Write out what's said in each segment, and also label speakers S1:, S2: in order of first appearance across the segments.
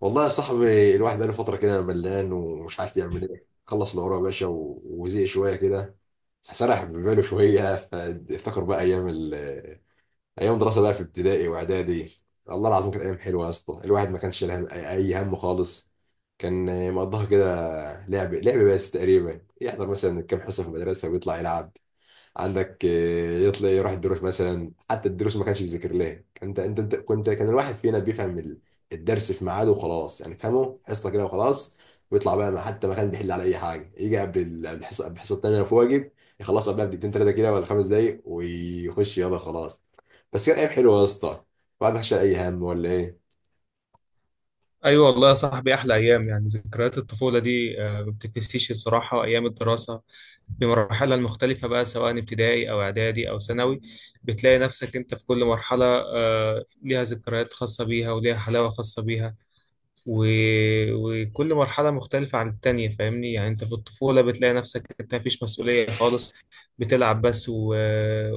S1: والله يا صاحبي، الواحد بقاله فترة كده ملان ومش عارف يعمل ايه. خلص الأوراق يا باشا وزهق شوية كده. سرح بباله شوية فافتكر بقى أيام دراسة بقى في ابتدائي وإعدادي. الله العظيم، كانت أيام حلوة يا اسطى. الواحد ما كانش له أي هم خالص. كان مقضاها كده لعب لعب بس، تقريبا يحضر مثلا كام حصة في المدرسة ويطلع يلعب. عندك يطلع يروح الدروس مثلا، حتى الدروس ما كانش بيذاكر لها. انت انت أنت- كنت كان الواحد فينا بيفهم الدرس في ميعاده وخلاص، يعني فهمه حصه كده وخلاص. ويطلع بقى، حتى ما كان بيحل على اي حاجه، يجي قبل الحصه الثانيه لو في واجب يخلصها قبلها بدقيقتين ثلاثه كده ولا 5 دقايق ويخش، يلا خلاص. بس كان ايام حلوه يا اسطى، الواحد ما كانش شايل اي هم ولا ايه.
S2: ايوه والله يا صاحبي، احلى ايام، يعني ذكريات الطفوله دي، ما بتتنسيش الصراحه. ايام الدراسه بمراحلها المختلفه بقى سواء ابتدائي او اعدادي او ثانوي، بتلاقي نفسك انت في كل مرحله، ليها ذكريات خاصه بيها وليها حلاوه خاصه بيها. و... وكل مرحلة مختلفة عن التانية. فاهمني؟ يعني انت في الطفولة بتلاقي نفسك انت مفيش مسؤولية خالص، بتلعب بس.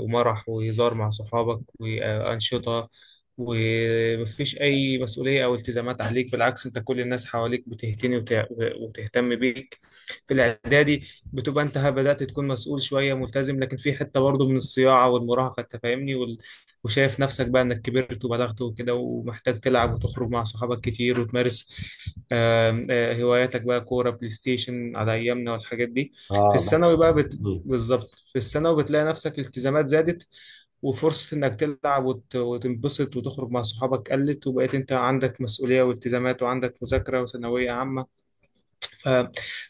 S2: ومرح وهزار مع صحابك وأنشطة، ومفيش أي مسؤولية أو التزامات عليك. بالعكس، انت كل الناس حواليك بتهتني وتهتم بيك. في الإعدادي بتبقى انت بدأت تكون مسؤول شوية، ملتزم، لكن في حتة برضه من الصياعة والمراهقة. انت فاهمني؟ وشايف نفسك بقى انك كبرت وبلغت وكده، ومحتاج تلعب وتخرج مع صحابك كتير وتمارس آم، آه، هواياتك، بقى كورة، بلاي ستيشن على ايامنا والحاجات دي. في
S1: اه الله.
S2: الثانوي بقى
S1: مم.
S2: بالظبط في الثانوي بتلاقي نفسك الالتزامات زادت، وفرصة انك تلعب وتنبسط وتخرج مع صحابك قلت، وبقيت انت عندك مسؤولية والتزامات وعندك مذاكرة وثانوية عامة.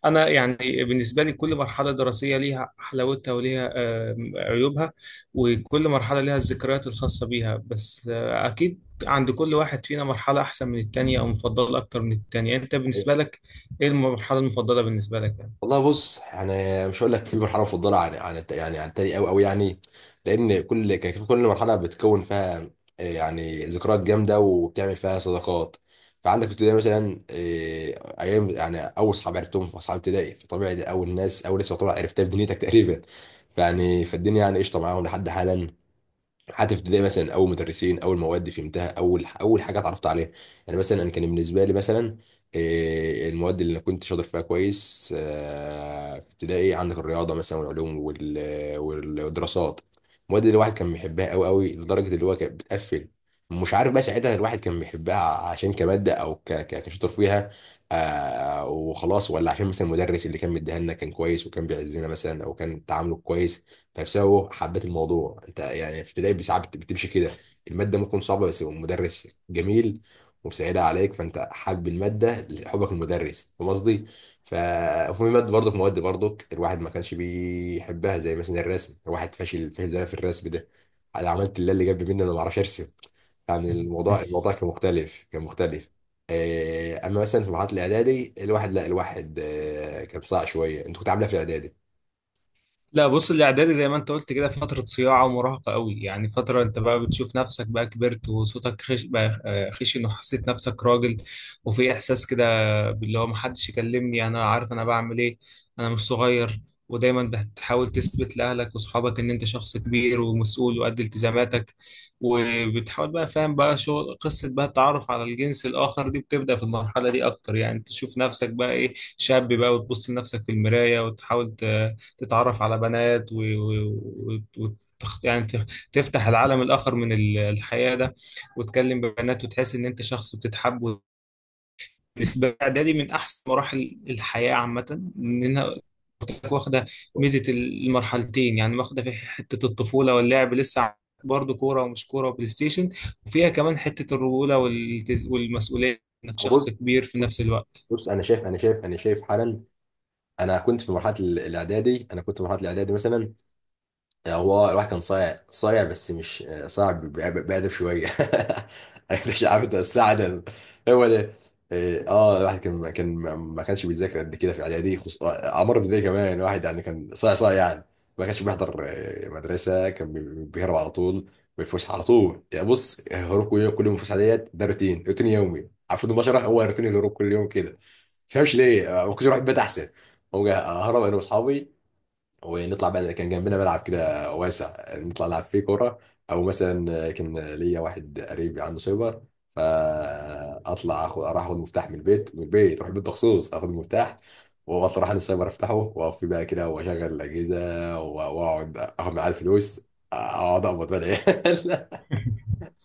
S2: أنا يعني بالنسبة لي كل مرحلة دراسية ليها حلاوتها وليها، عيوبها. وكل مرحلة ليها الذكريات الخاصة بيها، بس أكيد عند كل واحد فينا مرحلة أحسن من التانية أو مفضلة أكتر من التانية. أنت بالنسبة لك إيه المرحلة المفضلة بالنسبة لك يعني؟
S1: والله بص، يعني مش هقول لك في مرحله مفضله عن يعني عن التاني قوي قوي، يعني لان كل مرحله بتكون فيها يعني ذكريات جامده وبتعمل فيها صداقات. فعندك في ابتدائي مثلا ايام، يعني اول صحاب عرفتهم في اصحاب ابتدائي، فطبيعي دي اول ناس يعتبر عرفتها في دنيتك تقريبا، يعني فالدنيا يعني قشطه معاهم لحد حالا. حتى في ابتدائي مثلا اول مدرسين، اول مواد فهمتها، اول حاجه اتعرفت عليها. يعني مثلا انا كان بالنسبه لي مثلا، إيه، المواد اللي انا كنت شاطر فيها كويس في ابتدائي، عندك الرياضه مثلا والعلوم والدراسات. المواد اللي الواحد كان بيحبها قوي قوي لدرجه اللي هو كانت بتقفل. مش عارف بقى ساعتها الواحد كان بيحبها عشان كماده او كشاطر فيها وخلاص، ولا عشان مثلا المدرس اللي كان مديها لنا كان كويس وكان بيعزنا مثلا، او كان تعامله كويس نفسها هو حبت الموضوع. انت يعني في ابتدائي ساعات بتمشي كده، الماده ممكن صعبه بس هو المدرس جميل ومساعدها عليك، فانت حابب الماده لحبك المدرس، فاهم قصدي؟ وفي ماده برضك مواد برضك الواحد ما كانش بيحبها، زي مثلا الرسم. الواحد فاشل فاشل زي في الرسم ده، انا عملت اللي جنبي مني، انا ما بعرفش ارسم، يعني الموضوع كان مختلف، كان مختلف. اما مثلا في مرحله الاعدادي، الواحد لا، الواحد كان صعب شويه. انت كنت عامله في الاعدادي؟
S2: لا بص، الاعدادي زي ما انت قلت كده فتره صياعه ومراهقه قوي، يعني فتره انت بقى بتشوف نفسك بقى كبرت وصوتك خش بقى خشن، وحسيت نفسك راجل، وفي احساس كده باللي هو محدش يكلمني، انا عارف انا بعمل ايه. انا مش صغير. ودايما بتحاول تثبت لاهلك واصحابك ان انت شخص كبير ومسؤول وقد التزاماتك. وبتحاول بقى، فاهم بقى شغل قصه بقى التعرف على الجنس الاخر دي، بتبدا في المرحله دي اكتر. يعني تشوف نفسك بقى ايه، شاب بقى، وتبص لنفسك في المرايه وتحاول تتعرف على بنات، و... و... يعني تفتح العالم الآخر من الحياة ده، وتكلم ببنات وتحس إن أنت شخص بتتحب. بالنسبة لي إعدادي من أحسن مراحل الحياة عامة، إنها واخدة ميزة المرحلتين، يعني واخدة في حتة الطفولة واللعب لسه برضه كورة ومش كورة وبلاي ستيشن، وفيها كمان حتة الرجولة والمسؤولية، إنك شخص
S1: أبص
S2: كبير في نفس الوقت.
S1: بص، انا شايف حالا. انا كنت في مرحله الاعدادي، انا كنت في مرحله الاعدادي مثلا، هو الواحد كان صايع صايع بس مش صايع، بأدب شوية. عارف، مش عارف انت بس عدم. هو ده. إيه، اه الواحد كان ما كانش بيذاكر قد كده في اعدادي، خص... آه، عمر ابتدائي كمان الواحد يعني كان صايع صايع يعني، ما كانش بيحضر مدرسة، كان بيهرب على طول بالفسحة، على طول يعني. بص، هروب كل يوم، كل يوم الفسحة ديت، ده روتين روتين يومي عارف. البشرة هو روتين الهروب كل يوم كده، ما تفهمش ليه ما كنتش بروح البيت احسن؟ هو ههرب انا واصحابي ونطلع بقى، كان جنبنا ملعب كده واسع، نطلع نلعب فيه كوره، او مثلا كان ليا واحد قريب عنده سايبر، فاطلع اخد اروح اخد مفتاح من البيت، اروح البيت مخصوص اخد المفتاح واطلع اروح عند السايبر افتحه، واقف فيه بقى كده واشغل الاجهزه واقعد اخد معاه الفلوس، اقعد اقبض بقى العيال.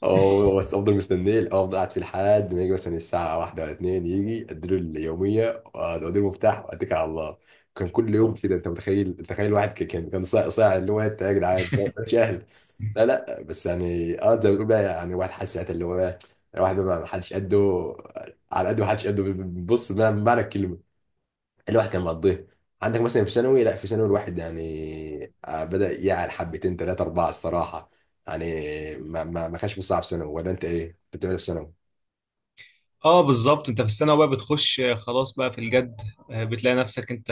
S1: اه، بس افضل مستنيه، افضل قاعد فيه لحد ما يجي مثلا الساعه 1 ولا 2، يجي اديله اليوميه واديله المفتاح واتكل على الله. كان كل يوم كده انت متخيل؟ تخيل واحد كان صاع صاع اللي هو، انت يا جدعان أنت. مش اهل. لا لا بس، يعني اه زي ما بتقول بقى، يعني واحد حاسس ساعتها اللي هو بقى الواحد بقى ما حدش قده، على قده ما حدش قده. بص، بمعنى الكلمه الواحد كان مقضيه. عندك مثلا في ثانوي، لا في ثانوي الواحد يعني بدأ يعلى حبتين ثلاثة أربعة الصراحة، يعني ما كانش في صعب في ثانوي، ولا أنت إيه كنت بتعمل في ثانوي؟
S2: اه بالظبط، انت في السنة بقى بتخش خلاص بقى في الجد. بتلاقي نفسك انت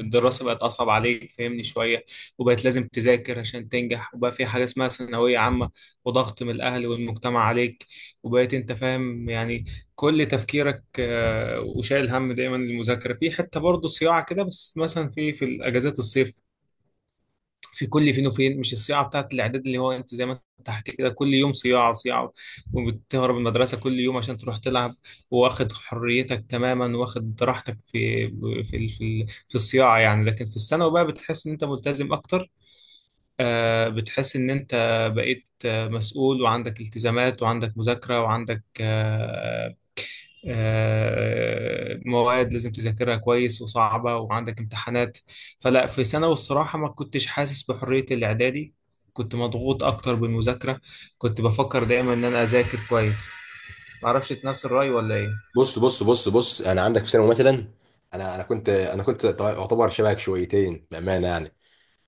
S2: الدراسة بقت أصعب عليك، فاهمني، شوية، وبقت لازم تذاكر عشان تنجح، وبقى في حاجة اسمها ثانوية عامة، وضغط من الأهل والمجتمع عليك، وبقيت انت فاهم يعني كل تفكيرك وشايل هم دايما المذاكرة. في حتة برضه صياعة كده، بس مثلا في الأجازات الصيف، في كل فين وفين، مش الصياعه بتاعت الاعداد اللي هو انت زي ما انت حكيت كده كل يوم صياعه صياعه، وبتهرب من المدرسه كل يوم عشان تروح تلعب، واخد حريتك تماما، واخد راحتك في الصياعه يعني. لكن في الثانوي بقى بتحس ان انت ملتزم اكتر. بتحس ان انت بقيت مسؤول، وعندك التزامات، وعندك مذاكره، وعندك مواد لازم تذاكرها كويس وصعبة، وعندك امتحانات. فلا، في ثانوي الصراحة ما كنتش حاسس بحرية الإعدادي، كنت مضغوط أكتر بالمذاكرة، كنت بفكر دايما إن أنا أذاكر كويس. معرفش إنت نفس الرأي ولا إيه؟
S1: بص بص بص بص، أنا عندك في ثانوي مثلا، أنا أنا كنت أنا كنت أعتبر شبهك شويتين بأمانة يعني.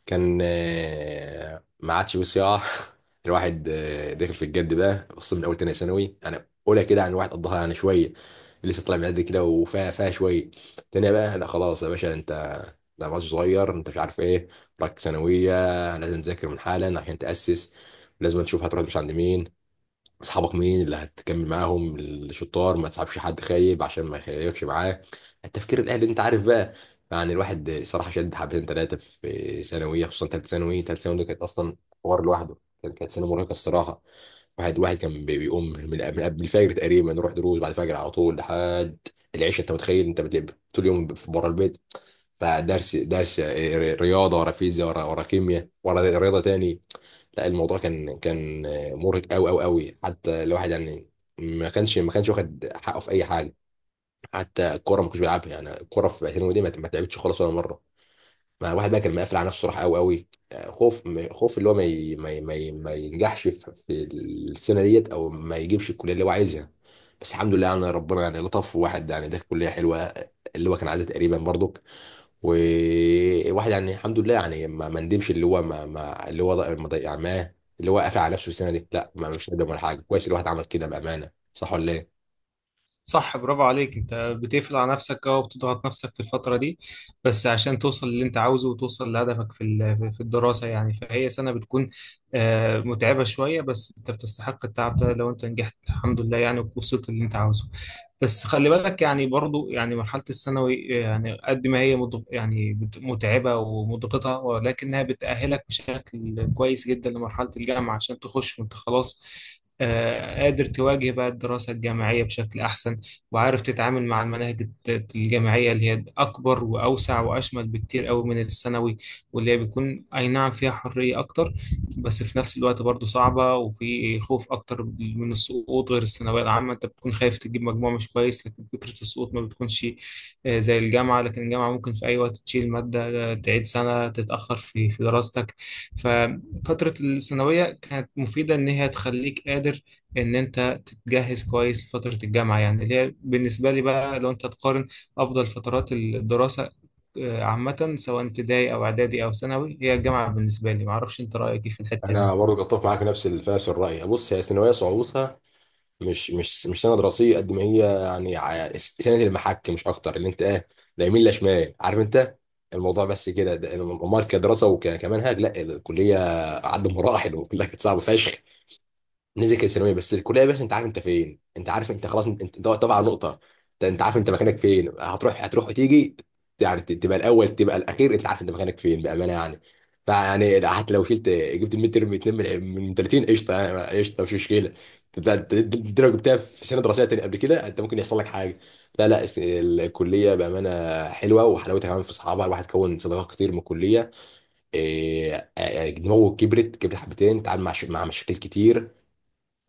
S1: كان ما عادش وسع. الواحد داخل في الجد بقى، خصوصا من اول تانية ثانوي. انا اولى كده عن واحد قضاها يعني شويه، لسه طالع من قد كده وفيها فيها شويه. تانية بقى لا، خلاص يا باشا انت، ده ماتش صغير، انت مش عارف ايه، راك ثانويه، لازم تذاكر من حالا عشان تاسس، لازم تشوف هتروح مش عند مين، اصحابك مين اللي هتكمل معاهم الشطار، ما تصاحبش حد خايب عشان ما يخيبكش معاه. التفكير الاهلي انت عارف بقى. يعني الواحد صراحه شد حبتين ثلاثه في ثانويه، خصوصا ثالثه ثانوي. ثالثه ثانوي دي كانت اصلا حوار لوحده، كانت سنه مرهقه الصراحه. واحد كان بيقوم من قبل الفجر تقريبا، نروح دروس بعد الفجر على طول لحد العشاء. انت متخيل؟ انت بتلعب طول اليوم بره البيت، فدرس درس رياضه، ورا فيزياء، ورا كيمياء، ورا رياضه تاني. لا الموضوع كان مرهق قوي قوي قوي. حتى الواحد يعني ما كانش واخد حقه في اي حاجه، حتى الكوره ما كنتش بيلعبها، يعني الكوره في اعتزال دي ما تعبتش خالص ولا مره. ما الواحد بقى كان مقفل على نفسه راح قوي قوي. خوف، خوف اللي هو ما ينجحش في السنه ديت، او ما يجيبش الكليه اللي هو عايزها. بس الحمد لله يعني، ربنا يعني لطف، واحد يعني ده كليه حلوه اللي هو كان عايزها تقريبا برضو. وواحد يعني الحمد لله يعني ما ندمش اللي هو ما اللي هو ما ضيع معاه اللي هو قافل على نفسه السنه دي. لا ما، مش ندم ولا حاجه، كويس الواحد عمل كده بامانه، صح ولا ايه؟
S2: صح، برافو عليك. انت بتقفل على نفسك اه، وبتضغط نفسك في الفترة دي بس عشان توصل للي انت عاوزه، وتوصل لهدفك في الدراسة، يعني فهي سنة بتكون متعبة شوية، بس انت بتستحق التعب ده لو انت نجحت الحمد لله، يعني ووصلت اللي انت عاوزه. بس خلي بالك يعني برضو، يعني مرحلة الثانوي يعني قد ما هي يعني متعبة ومضغطة، ولكنها بتأهلك بشكل كويس جدا لمرحلة الجامعة، عشان تخش وانت خلاص قادر تواجه بقى الدراسة الجامعية بشكل أحسن، وعارف تتعامل مع المناهج الجامعية اللي هي أكبر وأوسع وأشمل بكتير قوي من الثانوي، واللي هي بيكون أي نعم فيها حرية أكتر، بس في نفس الوقت برضه صعبة، وفي خوف أكتر من السقوط. غير الثانوية العامة، أنت بتكون خايف تجيب مجموع مش كويس، لكن فكرة السقوط ما بتكونش زي الجامعة. لكن الجامعة ممكن في أي وقت تشيل مادة، تعيد سنة، تتأخر في دراستك. ففترة الثانوية كانت مفيدة إن هي تخليك قادر إن أنت جهز كويس لفترة الجامعة، يعني اللي هي بالنسبة لي بقى لو أنت تقارن أفضل فترات الدراسة عامة سواء ابتدائي أو إعدادي أو ثانوي، هي الجامعة بالنسبة لي. معرفش أنت رأيك إيه في الحتة دي؟
S1: انا برضه بتفق معاك نفس ال، في نفس الراي. بص، هي ثانويه صعوبتها مش سنه دراسيه قد ما هي، يعني سنه المحك مش اكتر، اللي انت ايه، لا يمين لا شمال، عارف انت الموضوع بس كده. امال كدراسه وكمنهج، لا الكليه عدى مراحل وكلها كانت صعبه فشخ. نزل كان ثانويه، بس الكليه يا باشا انت عارف انت فين، انت عارف انت خلاص، انت واقف على نقطه، انت عارف انت مكانك فين، هتروح هتروح وتيجي، يعني تبقى الاول تبقى الاخير، انت عارف انت مكانك فين بامانه يعني. فيعني ده حتى لو شلت، جبت الميد تيرم 2 من 30، قشطه يعني، قشطه مش مشكله. انت لو جبتها في سنه دراسيه تاني قبل كده، انت ممكن يحصل لك حاجه، لا لا الكليه بامانه حلوه. وحلاوتها كمان في اصحابها، الواحد كون صداقات كتير من الكليه. إيه، دماغه كبرت، كبرت حبتين، تعامل مع مشاكل كتير،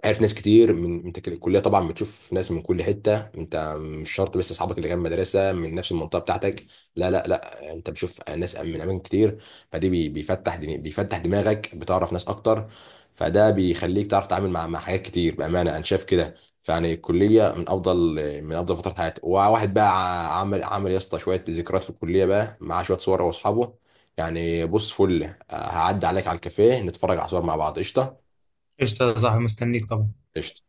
S1: عارف ناس كتير من انت كده. الكليه طبعا بتشوف ناس من كل حته، انت مش شرط بس اصحابك اللي جنب مدرسه من نفس المنطقه بتاعتك، لا لا لا، انت بتشوف ناس من اماكن كتير، فدي بيفتح دماغك، بتعرف ناس اكتر، فده بيخليك تعرف تتعامل مع حاجات كتير، بامانه انا شايف كده. فيعني الكليه من افضل، من افضل فترات حياتي. وواحد بقى عمل يا اسطى شويه ذكريات في الكليه بقى، مع شويه صور هو واصحابه، يعني بص فل، هعدي عليك على الكافيه نتفرج على صور مع بعض قشطه.
S2: قشطة يا صاحبي، مستنيك طبعا.
S1: قشطه.